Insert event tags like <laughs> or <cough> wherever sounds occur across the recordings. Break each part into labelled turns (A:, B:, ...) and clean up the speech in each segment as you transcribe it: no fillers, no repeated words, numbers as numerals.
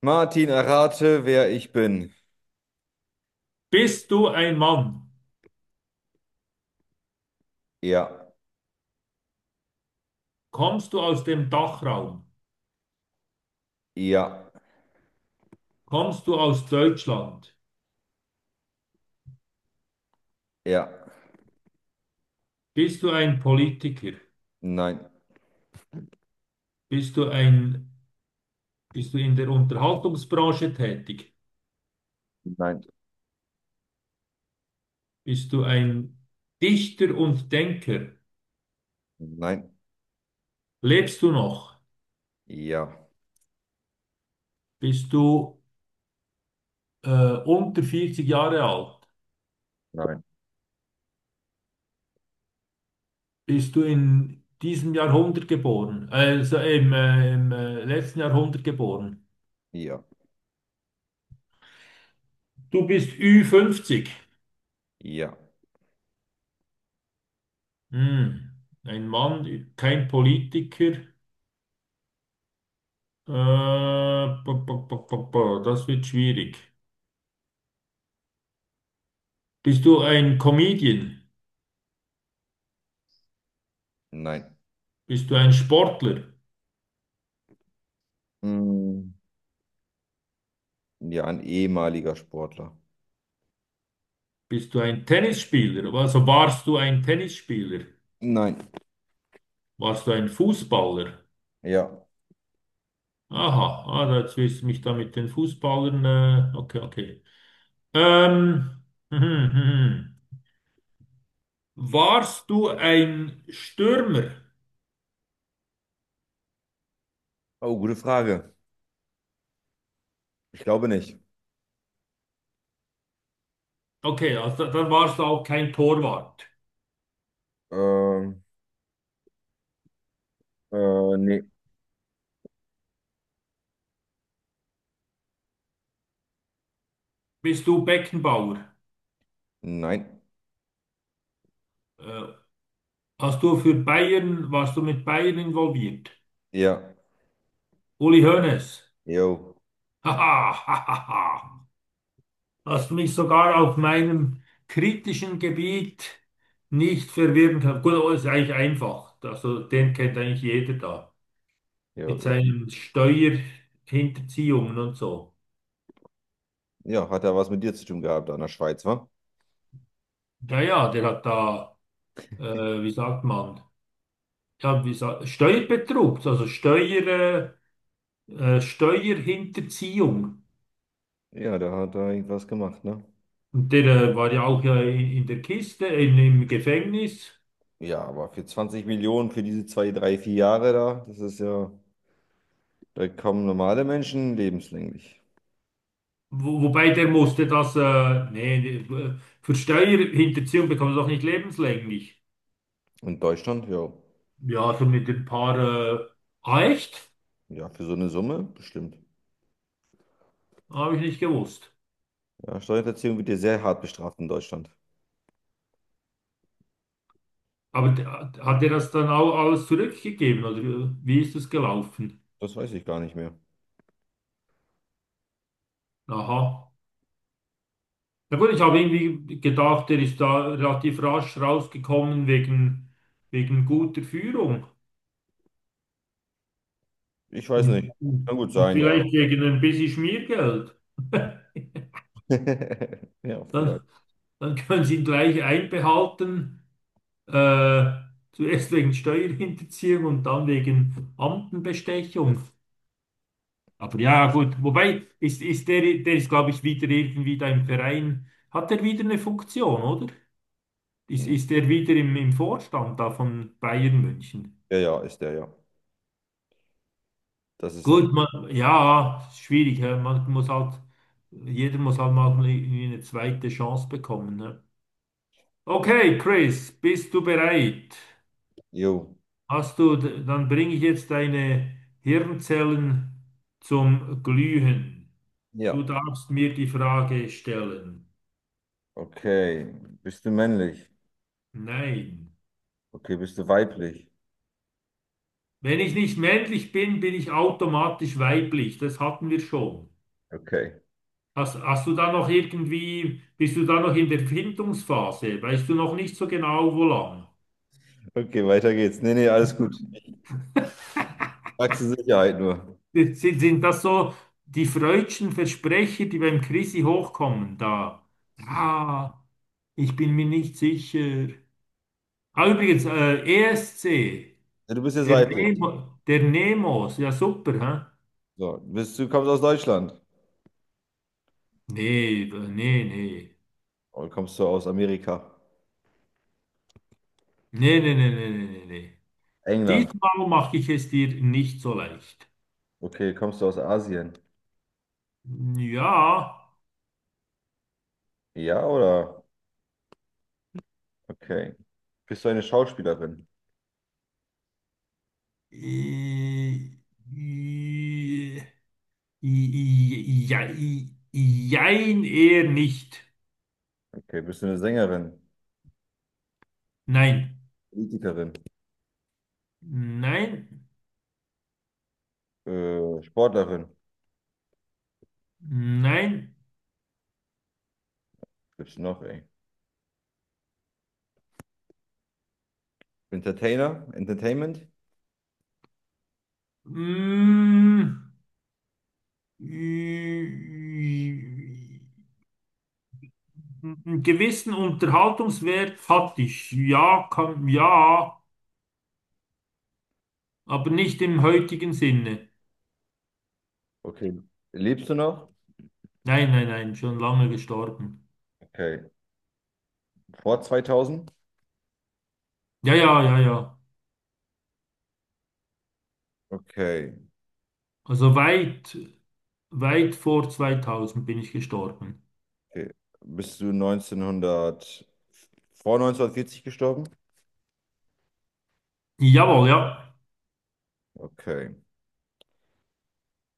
A: Martin, errate, wer ich bin.
B: Bist du ein Mann?
A: Ja,
B: Kommst du aus dem Dachraum?
A: ja,
B: Kommst du aus Deutschland?
A: ja,
B: Bist du ein Politiker?
A: nein,
B: Bist du ein, Bist du in der Unterhaltungsbranche tätig?
A: nein,
B: Bist du ein Dichter und Denker?
A: nein,
B: Lebst du noch?
A: ja,
B: Bist du unter 40 Jahre alt?
A: nein,
B: Bist du in diesem Jahrhundert geboren? Also im letzten Jahrhundert geboren?
A: ja,
B: Du bist ü fünfzig.
A: ja,
B: Hm. Ein Mann, kein Politiker. Ba, ba, ba, ba, ba, das wird schwierig. Bist du ein Comedian?
A: nein.
B: Bist du ein Sportler?
A: Hm, ja, ein ehemaliger Sportler.
B: Bist du ein Tennisspieler? Also warst du ein Tennisspieler?
A: Nein,
B: Warst du ein Fußballer?
A: ja.
B: Aha, ah, jetzt wirst du mich da mit den Fußballern. Okay, okay. Ähm, hm, hm, hm. hm, hm. Warst du ein Stürmer?
A: Oh, gute Frage. Ich glaube nicht.
B: Okay, also dann warst du auch kein Torwart.
A: Ähm, Nee.
B: Bist du Beckenbauer?
A: Nein,
B: Äh, Hast du für Bayern, warst du mit Bayern involviert?
A: ja,
B: Uli Hoeneß.
A: jo,
B: <laughs> Haha, hahaha. Hast mich sogar auf meinem kritischen Gebiet nicht verwirren können. Gut, aber ist eigentlich einfach. Also den kennt eigentlich jeder da. Mit
A: jo.
B: seinen Steuerhinterziehungen und so.
A: Ja, hat er was mit dir zu tun gehabt, an der Schweiz, wa?
B: Naja, der hat da, äh, wie sagt man, ja, wie sa Steuerbetrug, also Steuer, Steuerhinterziehung.
A: Ja, da hat er irgendwas gemacht, ne?
B: Und der war ja auch ja in der Kiste, in, im Gefängnis.
A: Ja, aber für 20 Millionen für diese zwei, drei, vier Jahre da, das ist ja. Da kommen normale Menschen lebenslänglich.
B: Wobei der musste das, nee, nee, für Steuerhinterziehung bekommt er doch nicht lebenslänglich.
A: In Deutschland, ja.
B: Ja, so mit ein paar, äh, ah, echt?
A: Ja, für so eine Summe bestimmt.
B: Habe ich nicht gewusst.
A: Ja, Steuerhinterziehung wird ja sehr hart bestraft in Deutschland.
B: Aber d- hat er das dann auch alles zurückgegeben oder wie ist das gelaufen?
A: Das weiß ich gar nicht mehr.
B: Aha. Na gut, ich habe irgendwie gedacht, der ist da relativ rasch rausgekommen wegen, wegen guter Führung.
A: Ich weiß
B: Und,
A: nicht. Kann gut
B: und
A: sein, ja.
B: vielleicht gegen ein bisschen Schmiergeld. <laughs>
A: <laughs> Ja,
B: Dann,
A: vielleicht.
B: dann können Sie ihn gleich einbehalten, äh, zuerst wegen Steuerhinterziehung und dann wegen Amtenbestechung. Aber ja, gut, wobei, der ist, glaube ich, wieder irgendwie da im Verein. Hat er wieder eine Funktion, oder? Ist
A: Hm.
B: er wieder im Vorstand da von Bayern München?
A: Ja, ja, ist der, ja. Das ist er.
B: Gut, man, ja, schwierig, hä? Man muss halt, jeder muss halt mal irgendwie eine zweite Chance bekommen, ne?
A: Das st-
B: Okay, Chris, bist du bereit?
A: Jo.
B: Hast du, d- dann bringe ich jetzt deine Hirnzellen zum Glühen.
A: Ja.
B: Du darfst mir die Frage stellen.
A: Okay. Bist du männlich?
B: Nein.
A: Okay, bist du weiblich?
B: Wenn ich nicht männlich bin, bin ich automatisch weiblich. Das hatten wir schon.
A: Okay.
B: Hast du da noch irgendwie, bist du da noch in der Findungsphase? Weißt du noch nicht so genau, wo lang?
A: Okay, weiter geht's. Nee, nee, alles gut. Frag zur Sicherheit nur.
B: Sind das so die freudschen Versprecher, die beim Chrissy hochkommen? Da. Ah, ich bin mir nicht sicher. Ah, übrigens, ESC,
A: Ja, du bist jetzt
B: der
A: weiblich.
B: Nemo, der Nemos, ja super, hä?
A: So, bist du kommst aus Deutschland?
B: Nee, nee, nee.
A: Oder kommst du aus Amerika?
B: Nee, nee, nee, nee, nee, nee, nee.
A: England.
B: Diesmal mache ich es dir nicht so leicht.
A: Okay, kommst du aus Asien?
B: Ja.
A: Ja, oder? Okay. Bist du eine Schauspielerin?
B: Äh, äh, ja, jein, eher nicht.
A: Okay. Bist du eine Sängerin?
B: Nein,
A: Politikerin?
B: nein,
A: Sportlerin?
B: nein.
A: Gibt's noch, ey? Entertainer? Entertainment?
B: Mm, äh, einen gewissen Unterhaltungswert hatte ich. Ja, kann, ja, aber nicht im heutigen Sinne.
A: Okay. Lebst du noch?
B: Nein, nein, nein, schon lange gestorben.
A: Okay. Vor 2000?
B: Ja, ja, ja, ja.
A: Okay.
B: Also weit, weit vor 2000 bin ich gestorben.
A: Okay. Bist du 1900, vor 1940 gestorben?
B: Jawohl, ja.
A: Okay.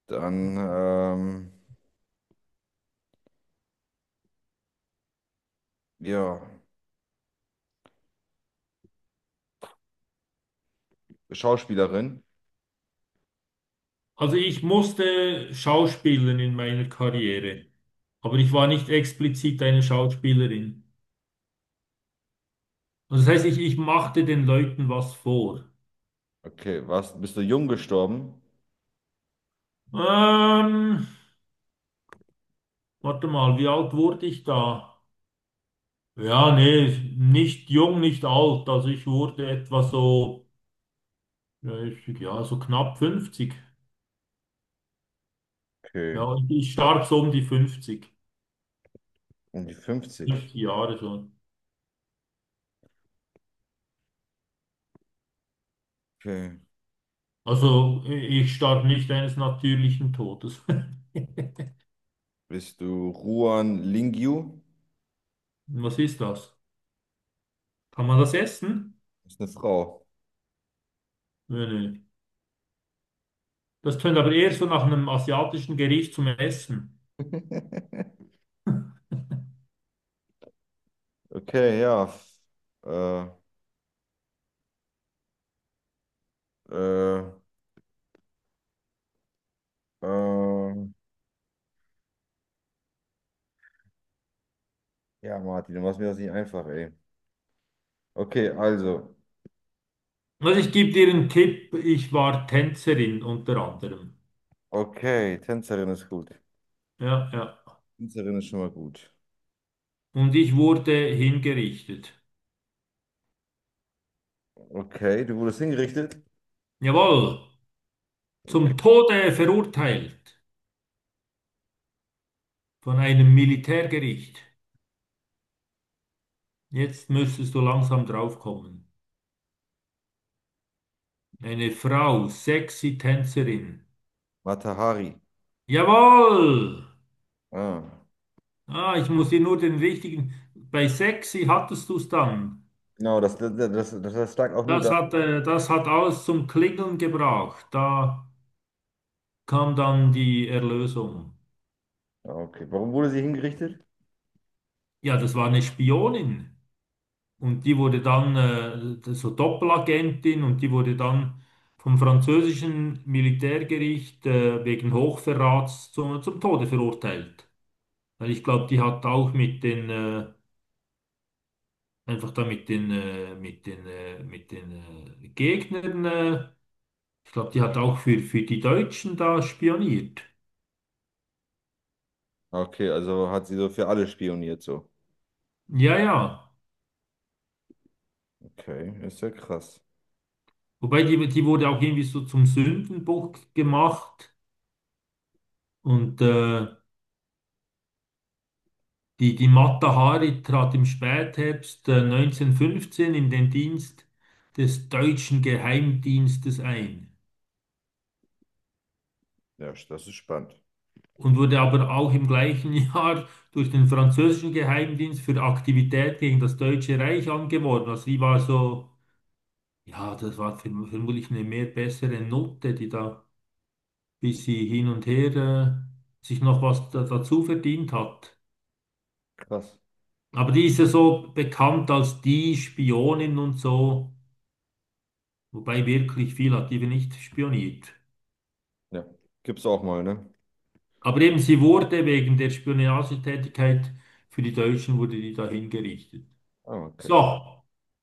A: Dann, ja, Schauspielerin.
B: Also ich musste schauspielern in meiner Karriere, aber ich war nicht explizit eine Schauspielerin. Also das heißt, ich machte den Leuten was vor.
A: Okay. Was, bist du jung gestorben?
B: Ähm, warte mal, wie alt wurde ich da? Ja, nee, nicht jung, nicht alt. Also ich wurde etwa so, ja, ich, ja, so knapp 50.
A: Okay.
B: Ja, ich starb so um die 50,
A: Um die 50.
B: 50 Jahre schon.
A: Okay.
B: Also i- ich starb nicht eines natürlichen Todes.
A: Bist du Ruan Lingyu?
B: <laughs> Was ist das? Kann man das essen?
A: Ist eine Frau.
B: Nee, nee. Das tönt aber eher so nach einem asiatischen Gericht zum Essen.
A: <laughs> Okay, ja. Äh, äh, äh, ja, Martin, du machst mir das nicht einfach, ey. Okay, also.
B: Also ich gebe dir einen Tipp, ich war Tänzerin unter anderem.
A: Okay, Tänzerin ist gut.
B: Ja, ja.
A: Tänzerin ist schon mal gut.
B: Und ich wurde hingerichtet.
A: Okay, du wurdest hingerichtet.
B: Jawohl, zum
A: Okay.
B: Tode verurteilt von einem Militärgericht. Jetzt müsstest du langsam draufkommen. Eine Frau, sexy Tänzerin.
A: Matahari.
B: Jawohl!
A: Ah.
B: Ah, ich muss dir nur den richtigen. Bei sexy hattest du es dann.
A: Genau, das, das, das, das lag auch nur da.
B: Das hat alles zum Klingeln gebracht. Da kam dann die Erlösung.
A: Ah, okay, warum wurde sie hingerichtet?
B: Ja, das war eine Spionin und die wurde dann so Doppelagentin und die wurde dann vom französischen Militärgericht wegen Hochverrats zum Tode verurteilt. Weil ich glaube, die hat auch mit den einfach da mit den Gegnern, ich glaube, die hat auch für die Deutschen da spioniert.
A: Okay, also hat sie so für alle spioniert, so.
B: Ja, ja.
A: Okay, ist ja krass.
B: Wobei die wurde auch irgendwie so zum Sündenbock gemacht und die Mata Hari trat im Spätherbst 1915 in den Dienst des deutschen Geheimdienstes ein
A: Ja, das ist spannend.
B: und wurde aber auch im gleichen <laughs> Jahr durch den französischen Geheimdienst für Aktivität gegen das Deutsche Reich angeworben. Also die war so, ja, das war verm- vermutlich eine mehr bessere Note, die da bis sie hin und her sich noch was da, dazu verdient hat.
A: Krass.
B: Aber die ist ja so bekannt als die Spionin und so, wobei wirklich viel hat die nicht spioniert.
A: Ja. Gibt's auch mal, ne?
B: Aber eben, sie wurde wegen der Spionagetätigkeit für die Deutschen, wurde die da hingerichtet.
A: Ah, okay.
B: So.